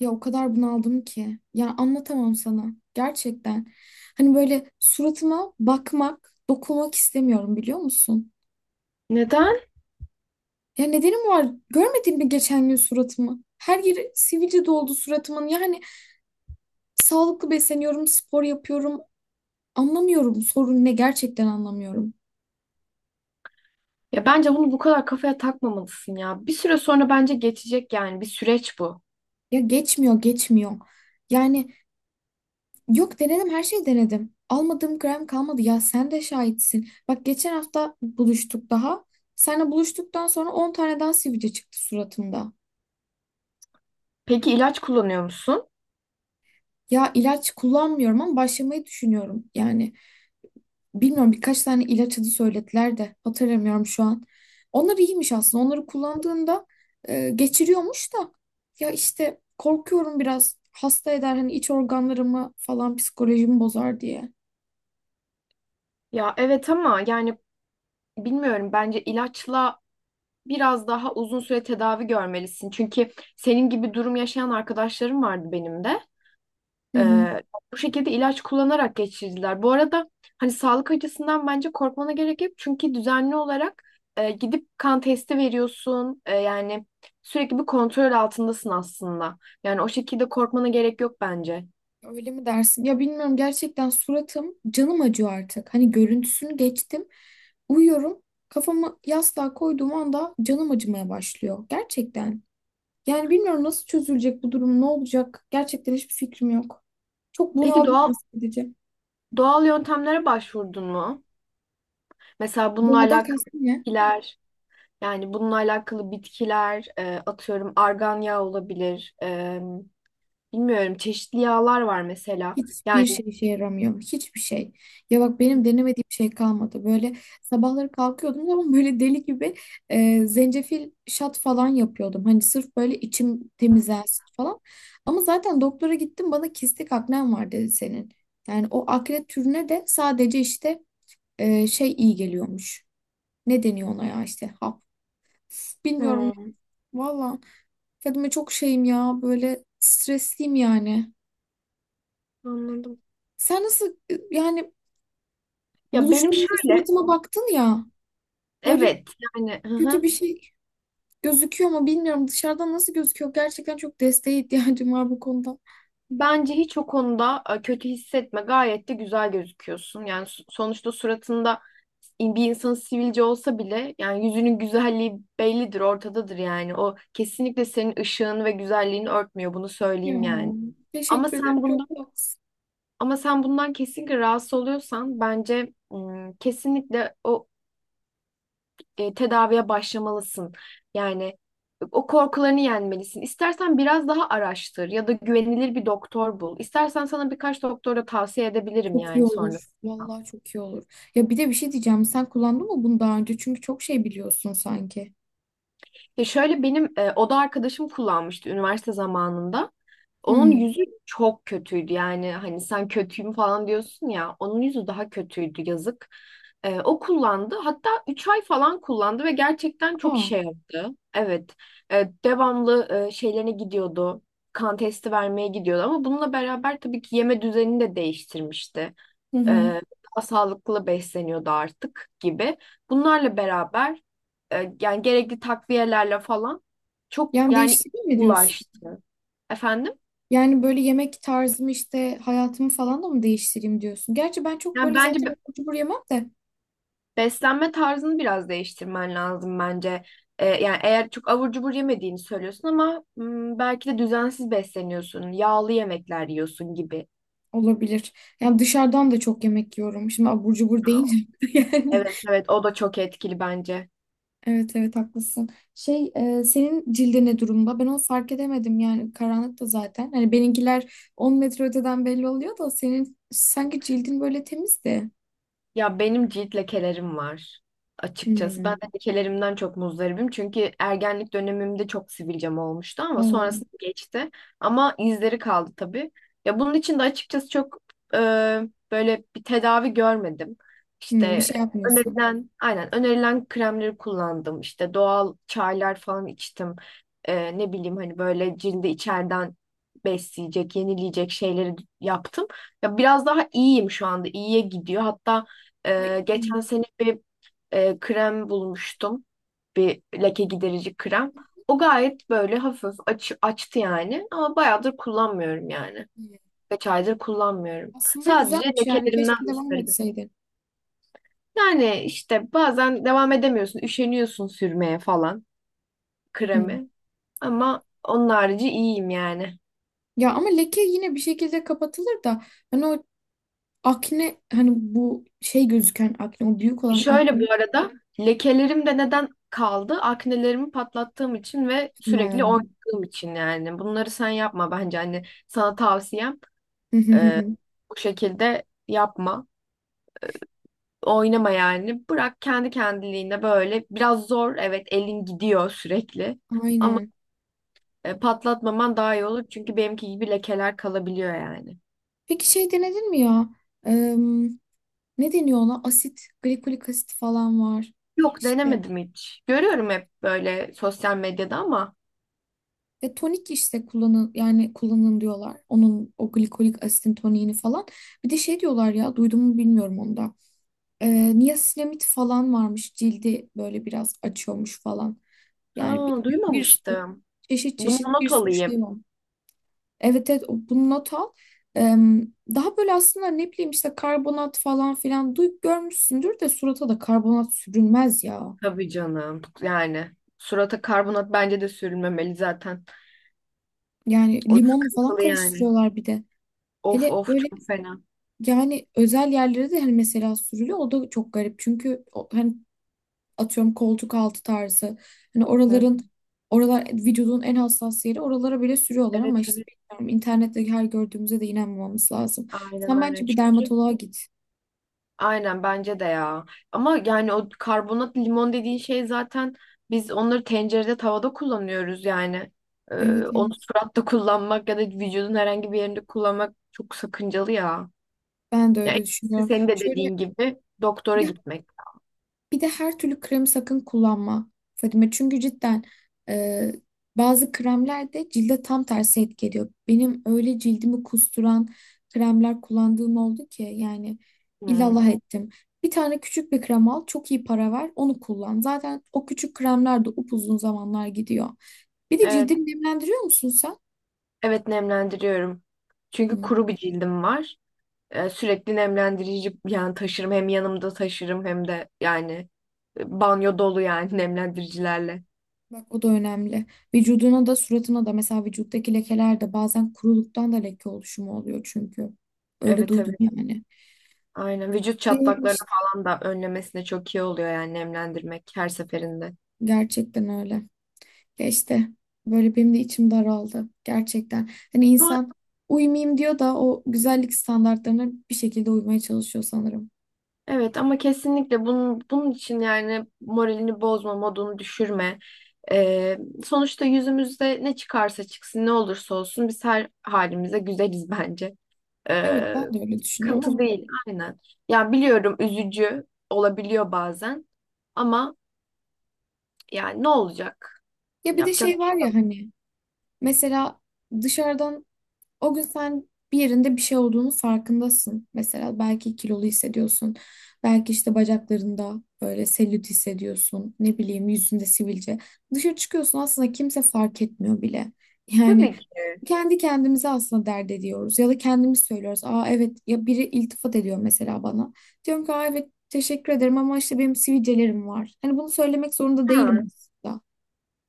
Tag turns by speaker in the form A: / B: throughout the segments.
A: Ya o kadar bunaldım ki. Ya anlatamam sana. Gerçekten. Hani böyle suratıma bakmak, dokunmak istemiyorum biliyor musun?
B: Neden?
A: Ya nedenim var. Görmedin mi geçen gün suratımı? Her yeri sivilce doldu suratımın. Yani sağlıklı besleniyorum, spor yapıyorum. Anlamıyorum sorun ne, gerçekten anlamıyorum.
B: Ya bence bunu bu kadar kafaya takmamalısın ya. Bir süre sonra bence geçecek yani bir süreç bu.
A: Ya geçmiyor, geçmiyor. Yani. Yok, denedim, her şeyi denedim. Almadığım gram kalmadı, ya sen de şahitsin. Bak geçen hafta buluştuk daha. Seninle buluştuktan sonra 10 tane daha sivilce çıktı suratımda.
B: Peki ilaç kullanıyor musun?
A: Ya ilaç kullanmıyorum ama başlamayı düşünüyorum. Yani bilmiyorum, birkaç tane ilaç adı söylediler de hatırlamıyorum şu an. Onlar iyiymiş aslında. Onları kullandığında geçiriyormuş da. Ya işte korkuyorum, biraz hasta eder hani iç organlarımı falan, psikolojimi bozar diye.
B: Ya evet ama yani bilmiyorum bence ilaçla biraz daha uzun süre tedavi görmelisin. Çünkü senin gibi durum yaşayan arkadaşlarım vardı benim de.
A: Hı hı.
B: Ee, Bu şekilde ilaç kullanarak geçirdiler. Bu arada hani sağlık açısından bence korkmana gerek yok. Çünkü düzenli olarak gidip kan testi veriyorsun. E, yani sürekli bir kontrol altındasın aslında. Yani o şekilde korkmana gerek yok bence.
A: Öyle mi dersin? Ya bilmiyorum, gerçekten suratım, canım acıyor artık. Hani görüntüsünü geçtim. Uyuyorum. Kafamı yastığa koyduğum anda canım acımaya başlıyor. Gerçekten. Yani bilmiyorum nasıl çözülecek bu durum, ne olacak? Gerçekten hiçbir fikrim yok. Çok
B: Peki
A: bunaldım,
B: doğal
A: nasıl edeceğim.
B: doğal yöntemlere başvurdun mu? Mesela bununla
A: Bunaldan
B: alakalı
A: kastım ne?
B: bitkiler, yani bununla alakalı bitkiler, atıyorum argan yağı olabilir. E, bilmiyorum çeşitli yağlar var mesela. Yani
A: Hiçbir şey işe yaramıyor. Hiçbir şey. Ya bak, benim denemediğim şey kalmadı. Böyle sabahları kalkıyordum ama böyle deli gibi zencefil şat falan yapıyordum. Hani sırf böyle içim temizlensin falan. Ama zaten doktora gittim, bana kistik aknen var dedi senin. Yani o akne türüne de sadece işte şey iyi geliyormuş. Ne deniyor ona ya, işte hap. Bilmiyorum
B: hmm,
A: valla. Fadime, çok şeyim ya, böyle stresliyim yani.
B: anladım.
A: Sen nasıl, yani
B: Ya benim
A: buluştuğumuzda
B: şöyle,
A: suratıma baktın ya. Böyle
B: evet yani hı
A: kötü
B: hı.
A: bir şey gözüküyor mu bilmiyorum. Dışarıdan nasıl gözüküyor? Gerçekten çok desteğe ihtiyacım var bu konuda.
B: Bence hiç o konuda kötü hissetme. Gayet de güzel gözüküyorsun. Yani sonuçta suratında bir insan sivilce olsa bile yani yüzünün güzelliği bellidir, ortadadır yani. O kesinlikle senin ışığın ve güzelliğini örtmüyor. Bunu
A: Ya,
B: söyleyeyim yani. Ama
A: teşekkür ederim.
B: sen bundan
A: Çok tatlısın.
B: ama sen bundan kesinlikle rahatsız oluyorsan bence kesinlikle o tedaviye başlamalısın. Yani o korkularını yenmelisin. İstersen biraz daha araştır ya da güvenilir bir doktor bul. İstersen sana birkaç doktora tavsiye edebilirim
A: Çok iyi
B: yani
A: olur.
B: sonrasında.
A: Vallahi çok iyi olur. Ya bir de bir şey diyeceğim. Sen kullandın mı bunu daha önce? Çünkü çok şey biliyorsun sanki.
B: Ya şöyle benim oda arkadaşım kullanmıştı üniversite zamanında. Onun
A: Hmm.
B: yüzü çok kötüydü yani hani sen kötüyüm falan diyorsun ya onun yüzü daha kötüydü yazık. O kullandı hatta 3 ay falan kullandı ve gerçekten çok
A: Aa.
B: işe yaradı. Evet. Devamlı şeylerine gidiyordu, kan testi vermeye gidiyordu ama bununla beraber tabii ki yeme düzenini de değiştirmişti.
A: Hı hı.
B: Ee, Daha sağlıklı besleniyordu artık gibi. Bunlarla beraber yani gerekli takviyelerle falan çok
A: Yani
B: yani
A: değiştireyim mi diyorsun?
B: ulaştı. Efendim?
A: Yani böyle yemek tarzımı, işte hayatımı falan da mı değiştireyim diyorsun? Gerçi ben çok
B: Yani
A: böyle
B: bence
A: zaten abur cubur yemem de.
B: beslenme tarzını biraz değiştirmen lazım bence. Yani eğer çok abur cubur yemediğini söylüyorsun ama hmm, belki de düzensiz besleniyorsun, yağlı yemekler yiyorsun gibi.
A: Olabilir. Yani dışarıdan da çok yemek yiyorum. Şimdi abur cubur deyince yani.
B: Evet evet o da çok etkili bence.
A: Evet evet, haklısın. Şey, senin cildi ne durumda? Ben onu fark edemedim yani, karanlıkta zaten. Hani benimkiler 10 metre öteden belli oluyor da senin sanki cildin böyle temizdi.
B: Ya benim cilt lekelerim var açıkçası. Ben
A: Hmm.
B: de lekelerimden çok muzdaribim. Çünkü ergenlik dönemimde çok sivilcem olmuştu ama
A: Aa,
B: sonrasında geçti. Ama izleri kaldı tabii. Ya bunun için de açıkçası çok e, böyle bir tedavi görmedim.
A: bir
B: İşte
A: şey yapmıyorsun.
B: önerilen, aynen önerilen kremleri kullandım. İşte doğal çaylar falan içtim. E, ne bileyim hani böyle cildi içeriden besleyecek, yenileyecek şeyleri yaptım. Ya biraz daha iyiyim şu anda. İyiye gidiyor. Hatta
A: Ay, hmm.
B: geçen sene bir krem bulmuştum. Bir leke giderici krem. O gayet böyle hafif açtı yani. Ama bayağıdır kullanmıyorum yani.
A: Hmm.
B: Kaç aydır kullanmıyorum.
A: Aslında
B: Sadece
A: güzelmiş yani,
B: lekelerimden
A: keşke devam
B: müsteribim.
A: etseydin.
B: Yani işte bazen devam edemiyorsun. Üşeniyorsun sürmeye falan
A: Hmm.
B: kremi. Ama onun harici iyiyim yani.
A: Ya ama leke yine bir şekilde kapatılır da, hani o akne, hani bu şey gözüken akne, o büyük olan akne.
B: Şöyle bu arada lekelerim de neden kaldı? Aknelerimi patlattığım için ve sürekli
A: Hmm.
B: oynadığım için yani. Bunları sen yapma bence hani sana tavsiyem bu şekilde yapma. Oynama yani. Bırak kendi kendiliğine böyle. Biraz zor evet elin gidiyor sürekli. Ama
A: Aynen.
B: patlatmaman daha iyi olur çünkü benimki gibi lekeler kalabiliyor yani.
A: Peki şey denedin mi ya? Eee, Ne deniyor ona? Asit, glikolik asit falan var.
B: Yok
A: İşte
B: denemedim hiç. Görüyorum hep böyle sosyal medyada ama
A: tonik işte, kullanın yani kullanın diyorlar. Onun, o glikolik asitin toniğini falan. Bir de şey diyorlar ya, duydum mu bilmiyorum onu da. Niasinamid falan varmış. Cildi böyle biraz açıyormuş falan. Yani bir,
B: ha,
A: bir sürü
B: duymamıştım.
A: çeşit
B: Bunu
A: çeşit bir
B: not
A: sürü
B: alayım.
A: şey var. Evet evet, bunu not al. Em, Daha böyle aslında, ne bileyim, işte karbonat falan filan duyup görmüşsündür de, surata da karbonat sürülmez ya.
B: Tabii canım. Yani surata karbonat bence de sürülmemeli zaten.
A: Yani
B: O
A: limonlu falan
B: sıkıntılı yani.
A: karıştırıyorlar bir de.
B: Of
A: Hele
B: of
A: öyle
B: çok fena.
A: yani, özel yerlere de hani mesela sürülüyor, o da çok garip. Çünkü hani, atıyorum koltuk altı tarzı, hani
B: Hı.
A: oralar vücudun en hassas yeri, oralara bile sürüyorlar.
B: Evet
A: Ama işte
B: evet.
A: bilmiyorum, internette her gördüğümüze de inanmamamız lazım.
B: Aynen
A: Sen
B: aynen
A: bence bir
B: çünkü.
A: dermatoloğa git.
B: Aynen bence de ya. Ama yani o karbonat limon dediğin şey zaten biz onları tencerede tavada kullanıyoruz yani. Ee,
A: Evet
B: Onu
A: evet.
B: suratta kullanmak ya da vücudun herhangi bir yerinde kullanmak çok sakıncalı ya.
A: Ben de
B: Ya en
A: öyle
B: iyisi
A: düşünüyorum.
B: senin de
A: Şöyle
B: dediğin gibi doktora
A: bir de,
B: gitmek.
A: bir de her türlü kremi sakın kullanma Fadime. Çünkü cidden e, bazı kremler de cilde tam tersi etki ediyor. Benim öyle cildimi kusturan kremler kullandığım oldu ki yani,
B: Hmm.
A: illallah ettim. Bir tane küçük bir krem al, çok iyi para ver, onu kullan. Zaten o küçük kremler de upuzun zamanlar gidiyor. Bir de
B: Evet,
A: cildini nemlendiriyor musun sen?
B: evet nemlendiriyorum. Çünkü kuru bir cildim var. Sürekli nemlendirici yani taşırım hem yanımda taşırım hem de yani banyo dolu yani nemlendiricilerle.
A: Bak o da önemli. Vücuduna da suratına da, mesela vücuttaki lekeler de bazen kuruluktan, da leke oluşumu oluyor çünkü. Öyle
B: Evet
A: duydum
B: evet.
A: yani.
B: Aynen vücut
A: Öyle
B: çatlaklarını
A: işte.
B: falan da önlemesine çok iyi oluyor yani nemlendirmek her seferinde.
A: Gerçekten öyle. Ya işte böyle benim de içim daraldı. Gerçekten. Hani
B: Ama,
A: insan, uyumayayım diyor da o güzellik standartlarına bir şekilde uymaya çalışıyor sanırım.
B: evet ama kesinlikle bunun için yani moralini bozma, modunu düşürme. Ee, Sonuçta yüzümüzde ne çıkarsa çıksın ne olursa olsun biz her halimize güzeliz bence.
A: Evet,
B: Ee,
A: ben de öyle düşünüyorum
B: Sıkıntı
A: ama
B: değil aynen. Ya biliyorum üzücü olabiliyor bazen ama yani ne olacak?
A: ya bir de
B: Yapacak
A: şey
B: bir
A: var
B: şey-
A: ya, hani mesela dışarıdan. O gün sen bir yerinde bir şey olduğunu farkındasın. Mesela belki kilolu hissediyorsun. Belki işte bacaklarında böyle selülit hissediyorsun. Ne bileyim, yüzünde sivilce. Dışarı çıkıyorsun, aslında kimse fark etmiyor bile. Yani
B: tabii ki.
A: kendi kendimize aslında dert ediyoruz. Ya da kendimiz söylüyoruz. Aa evet, ya biri iltifat ediyor mesela bana. Diyorum ki, aa evet teşekkür ederim ama işte benim sivilcelerim var. Hani bunu söylemek zorunda değilim
B: Ha.
A: aslında.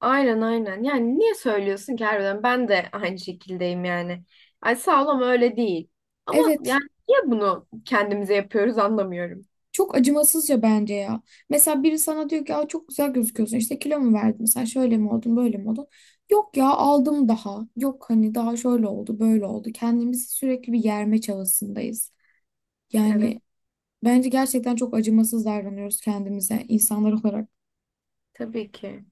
B: Aynen aynen. Yani niye söylüyorsun ki harbiden? Ben de aynı şekildeyim yani. Ay sağ ol ama öyle değil. Ama
A: Evet.
B: yani niye bunu kendimize yapıyoruz anlamıyorum.
A: Çok acımasızca bence ya. Mesela biri sana diyor ki, aa, çok güzel gözüküyorsun. İşte kilo mu verdin? Sen şöyle mi oldun, böyle mi oldun? Yok ya, aldım daha. Yok hani daha şöyle oldu, böyle oldu. Kendimizi sürekli bir yerme çabasındayız.
B: Evet
A: Yani bence gerçekten çok acımasız davranıyoruz kendimize, insanlar olarak.
B: tabii ki.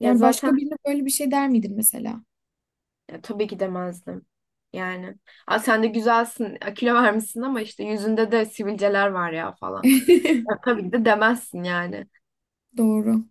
B: Ya
A: Yani başka
B: zaten
A: birine böyle bir şey der miydin mesela?
B: ya tabii ki demezdim. Yani. Aa, sen de güzelsin. Ya kilo vermişsin ama işte yüzünde de sivilceler var ya falan. Ya, tabii ki de demezsin yani.
A: Doğru.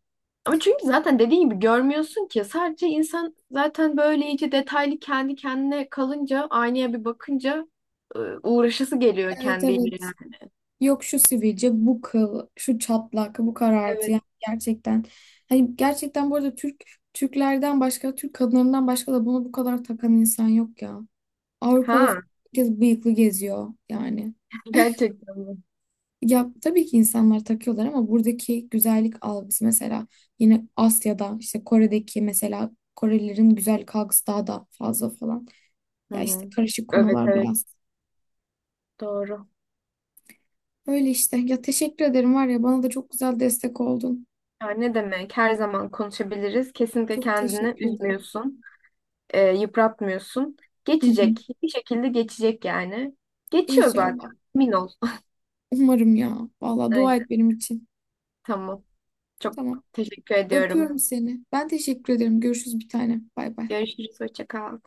B: Ama çünkü zaten dediğin gibi görmüyorsun ki. Sadece insan zaten böyle iyice detaylı kendi kendine kalınca, aynaya bir bakınca uğraşası geliyor
A: Evet
B: kendiyle.
A: evet.
B: Yani.
A: Yok şu sivilce, bu kıl, şu çatlak, bu karartı.
B: Evet.
A: Yani gerçekten, hani gerçekten, bu arada Türklerden başka, Türk kadınlarından başka da bunu bu kadar takan insan yok ya. Avrupa'da falan
B: Ha,
A: herkes bıyıklı geziyor yani.
B: gerçekten mi?
A: Ya tabii ki insanlar takıyorlar, ama buradaki güzellik algısı mesela, yine Asya'da işte Kore'deki, mesela Korelilerin güzellik algısı daha da fazla falan.
B: Hı
A: Ya işte
B: hı.
A: karışık
B: Evet
A: konular
B: evet
A: biraz.
B: doğru.
A: Öyle işte. Ya teşekkür ederim, var ya bana da çok güzel destek oldun.
B: Ya ne demek? Her zaman konuşabiliriz. Kesinlikle
A: Çok
B: kendini
A: teşekkür ederim.
B: üzmüyorsun, yıpratmıyorsun.
A: Hı hı.
B: Geçecek. Bir şekilde geçecek yani. Geçiyor zaten.
A: İnşallah.
B: Emin ol.
A: Umarım ya. Vallahi dua et
B: Aynen.
A: benim için.
B: Tamam. Çok
A: Tamam.
B: teşekkür ediyorum.
A: Öpüyorum seni. Ben teşekkür ederim. Görüşürüz bir tane. Bay bay.
B: Görüşürüz. Hoşça kal.